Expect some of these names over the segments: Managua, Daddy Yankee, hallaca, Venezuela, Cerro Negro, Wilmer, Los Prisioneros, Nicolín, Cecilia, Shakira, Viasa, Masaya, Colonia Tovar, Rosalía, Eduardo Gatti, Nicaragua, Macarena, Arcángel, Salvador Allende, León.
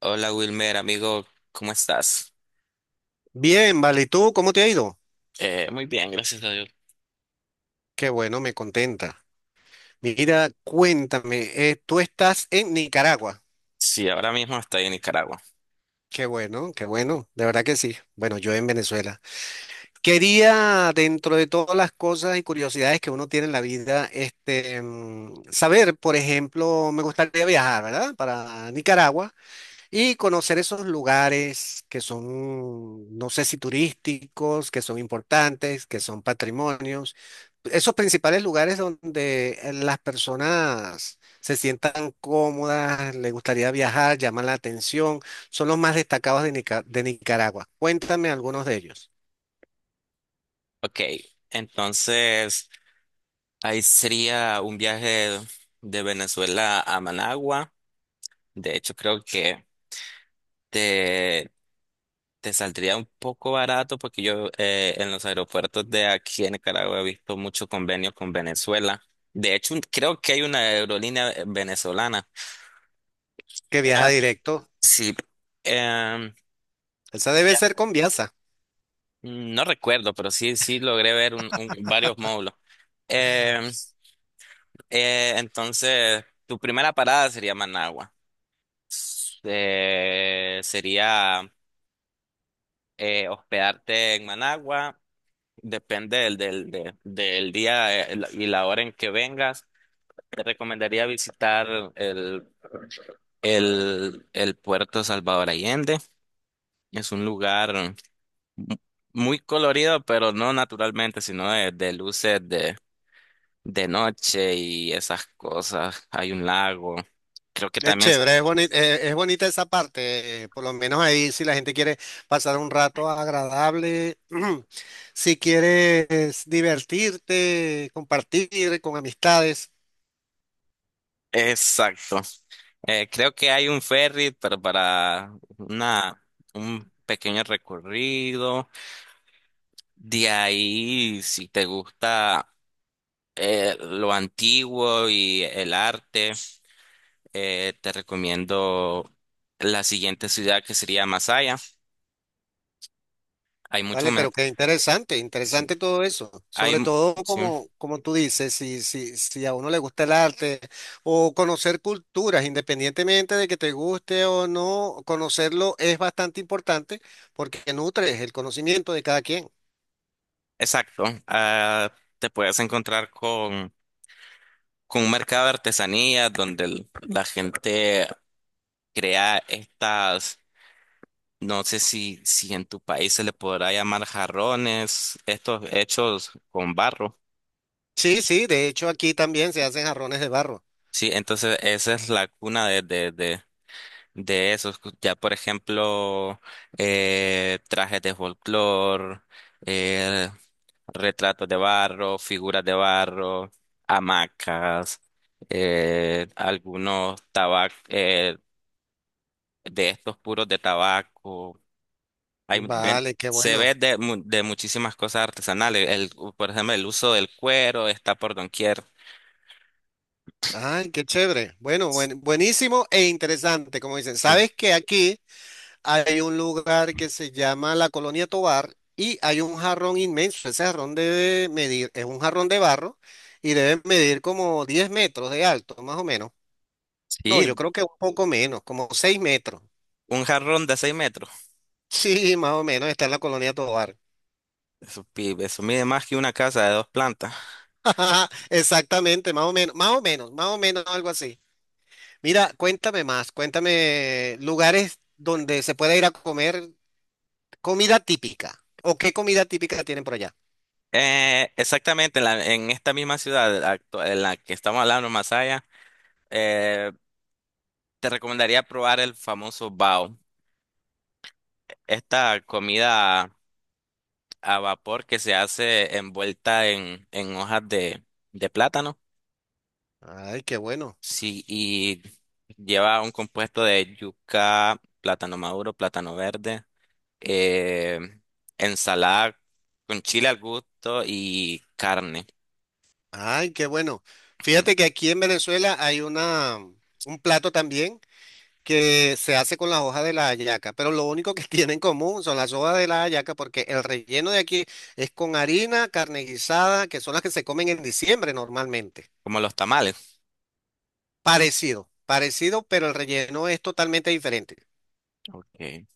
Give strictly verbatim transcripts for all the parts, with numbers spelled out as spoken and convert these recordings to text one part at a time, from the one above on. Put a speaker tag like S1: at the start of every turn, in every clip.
S1: Hola Wilmer, amigo, ¿cómo estás?
S2: Bien, vale. ¿Y tú cómo te ha ido?
S1: Eh, muy bien, gracias a Dios.
S2: Qué bueno, me contenta. Mira, cuéntame, eh, tú estás en Nicaragua.
S1: Sí, ahora mismo estoy en Nicaragua.
S2: Qué bueno, qué bueno, de verdad que sí. Bueno, yo en Venezuela. Quería, dentro de todas las cosas y curiosidades que uno tiene en la vida, este, mm, saber, por ejemplo, me gustaría viajar, ¿verdad? Para Nicaragua. Y conocer esos lugares que son, no sé si turísticos, que son importantes, que son patrimonios, esos principales lugares donde eh, las personas se sientan cómodas, les gustaría viajar, llaman la atención, son los más destacados de, Nica- de Nicaragua. Cuéntame algunos de ellos.
S1: Ok, entonces ahí sería un viaje de Venezuela a Managua. De hecho, creo que te, te saldría un poco barato porque yo eh, en los aeropuertos de aquí en Nicaragua he visto mucho convenio con Venezuela. De hecho, un- creo que hay una aerolínea eh, venezolana.
S2: Que viaja
S1: Ah.
S2: directo.
S1: Sí. em,
S2: Esa debe ser con Viasa.
S1: Mm, no recuerdo, pero sí, sí logré ver un, un- varios módulos. Em, eh, entonces, tu primera parada sería Managua. S- eh, sería eh, hospedarte en Managua, depende del, del, de- del día eh, la- y la hora en que vengas. Te recomendaría visitar el, el, el puerto Salvador Allende. Es un lugar mu- muy colorido, pero no naturalmente, sino de, de luces de noche y esas cosas. Hay un lago. Creo que
S2: Es
S1: también... sa-
S2: chévere, es bonita, es bonita esa parte, eh, por lo menos ahí si la gente quiere pasar un rato agradable, si quieres divertirte, compartir con amistades,
S1: Exacto. Eh, creo que hay un ferry, pero para una, un pequeño recorrido. De ahí, si te gusta eh, lo antiguo y el arte, eh, te recomiendo la siguiente ciudad, que sería Masaya. Hay mucho...
S2: ¿vale?
S1: me-
S2: Pero qué interesante,
S1: Sí,
S2: interesante todo eso,
S1: hay,
S2: sobre todo
S1: sí,
S2: como, como tú dices, si, si, si a uno le gusta el arte o conocer culturas, independientemente de que te guste o no, conocerlo es bastante importante porque nutres el conocimiento de cada quien.
S1: exacto. Ah, te puedes encontrar con... con un mercado de artesanías donde el- la gente crea estas, no sé si, si en tu país se le podrá llamar jarrones, estos hechos con barro.
S2: Sí, sí, de hecho aquí también se hacen jarrones de barro.
S1: Sí, entonces esa es la cuna de, de, de, de esos. Ya, por ejemplo, eh, trajes de folclore, eh, retratos de barro, figuras de barro, hamacas, eh, algunos tabacos, de estos puros de tabaco. Hay, ven-
S2: Vale, qué
S1: Se ve
S2: bueno.
S1: de, mu- de muchísimas cosas artesanales. El, por ejemplo, el uso del cuero está por doquier.
S2: Ay, qué chévere. Bueno, buen- buenísimo e interesante, como dicen.
S1: Sí.
S2: Sabes que aquí hay un lugar que se llama la Colonia Tovar y hay un jarrón inmenso. Ese jarrón debe medir, es un jarrón de barro y debe medir como diez metros de alto, más o menos. No,
S1: Sí,
S2: yo creo que un poco menos, como seis metros.
S1: un jarrón de seis metros.
S2: Sí, más o menos está en la Colonia Tovar.
S1: Eso, pi- eso mide más que una casa de dos plantas.
S2: Exactamente, más o menos, más o menos, más o menos algo así. Mira, cuéntame más, cuéntame lugares donde se pueda ir a comer comida típica. ¿O qué comida típica tienen por allá?
S1: Eh, exactamente, en, la- en esta misma ciudad, actu- en la que estamos hablando, Masaya, eh, te recomendaría probar el famoso bao. Esta comida a vapor que se hace envuelta en, en hojas de, de plátano.
S2: Ay, qué bueno,
S1: Sí, y lleva un compuesto de yuca, plátano maduro, plátano verde, eh, ensalada con chile al gusto y carne,
S2: ay, qué bueno.
S1: sí.
S2: Fíjate que aquí en Venezuela hay una, un plato también que se hace con las hojas de la hallaca, pero lo único que tiene en común son las hojas de la hallaca porque el relleno de aquí es con harina, carne guisada, que son las que se comen en diciembre normalmente.
S1: Como los tamales.
S2: Parecido, parecido, pero el relleno es totalmente diferente.
S1: Okay.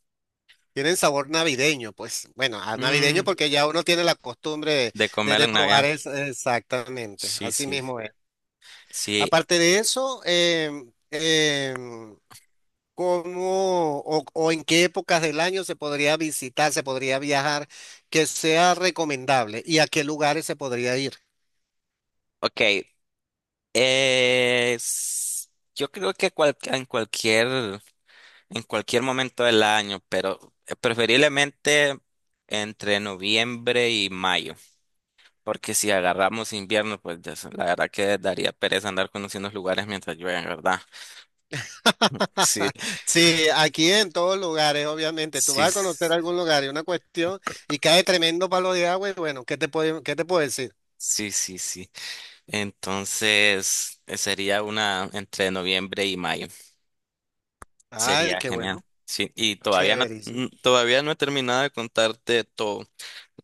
S2: Tienen sabor navideño, pues bueno, a navideño
S1: Mm,
S2: porque ya uno tiene la costumbre de,
S1: de
S2: de-
S1: comerlo
S2: de
S1: en
S2: probar
S1: Navidad.
S2: es- exactamente,
S1: Sí,
S2: así
S1: sí,
S2: mismo es.
S1: sí.
S2: Aparte de eso, em, em, ¿cómo o, o en qué épocas del año se podría visitar, se podría viajar, que sea recomendable y a qué lugares se podría ir?
S1: Ok. eh, s- yo creo que cual- en cualquier, en cualquier momento del año, pero eh, preferiblemente entre noviembre y mayo. Porque si agarramos invierno, pues ya sé, la verdad que daría pereza andar conociendo los lugares mientras llueve, ¿verdad? Sí,
S2: Sí, aquí en todos lugares, obviamente. Tú
S1: sí,
S2: vas a conocer
S1: s-
S2: algún lugar y una cuestión y cae tremendo palo de agua y bueno, ¿qué te puedo, qué te puedo decir?
S1: sí, sí, sí. Entonces, eh, sería una entre noviembre y mayo.
S2: Ay,
S1: Sería
S2: qué
S1: genial.
S2: bueno.
S1: Sí, y todavía no,
S2: Chéverísimo.
S1: mm, todavía no he terminado de contarte todo.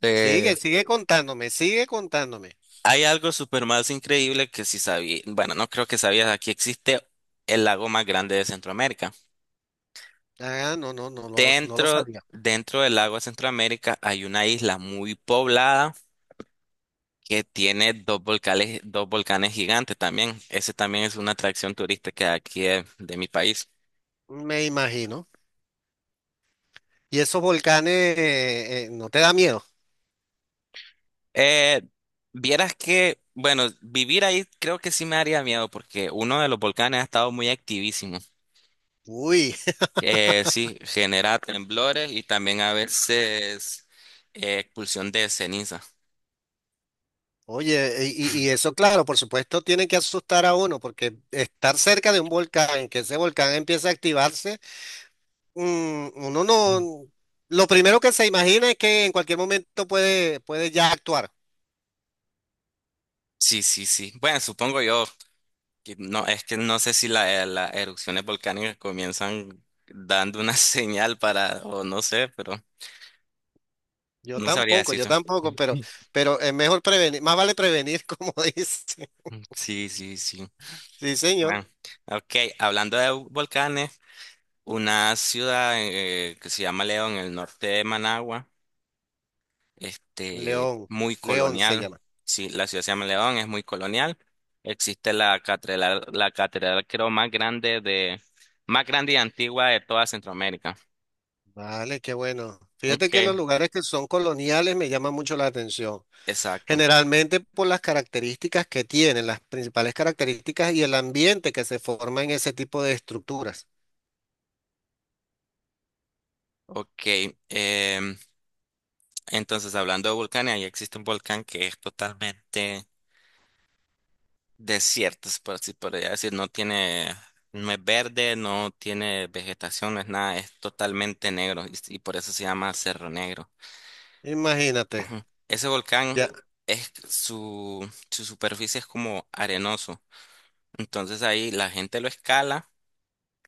S1: Eh,
S2: Sigue, sigue contándome, sigue contándome.
S1: Hay algo súper más increíble, que si sabía, bueno, no creo que sabías, aquí existe el lago más grande de Centroamérica.
S2: Ah, no, no, no lo, no lo
S1: Dentro,
S2: sabía.
S1: dentro del lago de Centroamérica hay una isla muy poblada que tiene dos volcanes, dos volcanes gigantes también. Ese también es una atracción turística aquí de, de mi país.
S2: Me imagino. ¿Y esos volcanes eh, eh, no te da miedo?
S1: Eh, Vieras que, bueno, vivir ahí creo que sí me haría miedo, porque uno de los volcanes ha estado muy activísimo.
S2: Uy,
S1: Eh, sí, genera temblores y también a veces eh, expulsión de ceniza.
S2: oye, y, y- y eso, claro, por supuesto, tiene que asustar a uno, porque estar cerca de un volcán, que ese volcán empiece a activarse, mm, uno no. Lo primero que se imagina es que en cualquier momento puede, puede ya actuar.
S1: Sí, sí, sí. Bueno, supongo yo, que no, es que no sé si la- las erupciones volcánicas comienzan dando una señal, para, o no sé, pero
S2: Yo
S1: no sabría
S2: tampoco, yo
S1: decirlo.
S2: tampoco, pero, pero es mejor prevenir, más vale prevenir, como dice.
S1: Sí, sí, sí.
S2: Sí, señor.
S1: Bueno, ok, hablando de volcanes, una ciudad eh, que se llama León, en el norte de Managua, este,
S2: León,
S1: muy
S2: León se
S1: colonial.
S2: llama.
S1: Sí, la ciudad se llama León, es muy colonial. Existe la catedral, la catedral creo más grande de, más grande y antigua de toda Centroamérica.
S2: Vale, qué bueno. Fíjate que
S1: Ok,
S2: los lugares que son coloniales me llaman mucho la atención,
S1: exacto.
S2: generalmente por las características que tienen, las principales características y el ambiente que se forma en ese tipo de estructuras.
S1: Ok, em, entonces, hablando de volcanes, ahí existe un volcán que es totalmente desierto, por así podría decir, no tiene, no es verde, no tiene vegetación, no es nada, es totalmente negro, y, y por eso se llama Cerro Negro.
S2: Imagínate,
S1: Ajá. Ese volcán
S2: ya,
S1: es su, su superficie es como arenoso, entonces ahí la gente lo escala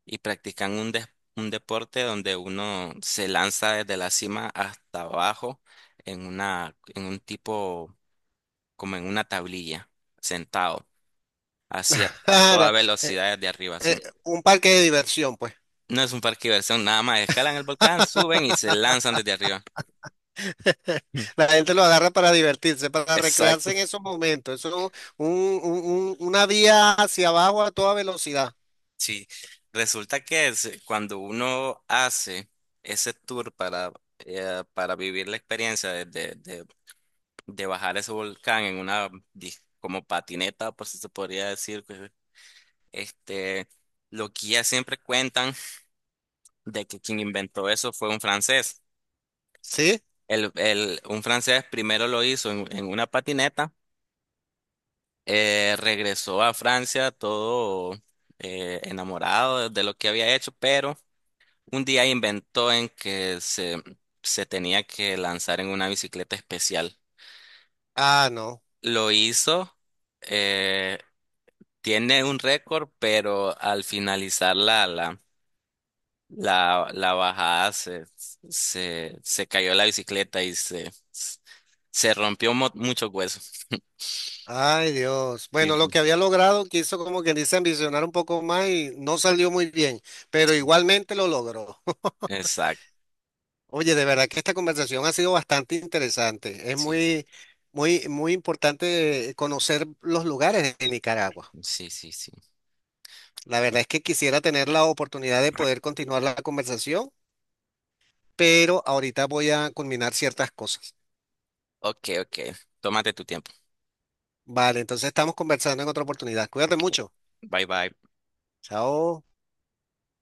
S1: y practican un, des- un deporte donde uno se lanza desde la cima hasta abajo en una, en un tipo, como en una tablilla, sentado, así a, a
S2: ah,
S1: toda
S2: la- eh,
S1: velocidad desde arriba, así.
S2: eh, un parque de diversión, pues.
S1: No es un parque de diversión, nada más escalan el volcán, suben y se lanzan desde arriba. Mm.
S2: La gente lo agarra para divertirse, para recrearse
S1: Exacto.
S2: en esos momentos. Eso es un- un- un- una vía hacia abajo a toda velocidad.
S1: Sí. Resulta que es- cuando uno hace ese tour para, eh, para vivir la experiencia de de bajar ese volcán en una dis- como patineta, por si se podría decir, que, este, lo que ya siempre cuentan de que quien inventó eso fue un francés.
S2: ¿Sí?
S1: El, el- un francés primero lo hizo en en una patineta, eh, regresó a Francia todo eh, enamorado de lo que había hecho, pero un día inventó en que se, se tenía que lanzar en una bicicleta especial.
S2: Ah, no.
S1: Lo hizo. eh, Tiene un récord, pero al finalizar la, la, la, la bajada se, se, se cayó la bicicleta y se, se rompió mo- muchos huesos.
S2: Ay, Dios.
S1: Sí,
S2: Bueno, lo
S1: sí.
S2: que había logrado quiso como quien dice ambicionar un poco más y no salió muy bien, pero igualmente lo logró.
S1: Exacto.
S2: Oye, de verdad que esta conversación ha sido bastante interesante. Es
S1: Sí,
S2: muy, muy, muy importante conocer los lugares de Nicaragua.
S1: sí, sí, sí.
S2: La verdad es que quisiera tener la oportunidad de poder continuar la conversación, pero ahorita voy a culminar ciertas cosas.
S1: Ok, ok. Tómate tu tiempo.
S2: Vale, entonces estamos conversando en otra oportunidad. Cuídate mucho.
S1: Bye, bye.
S2: Chao.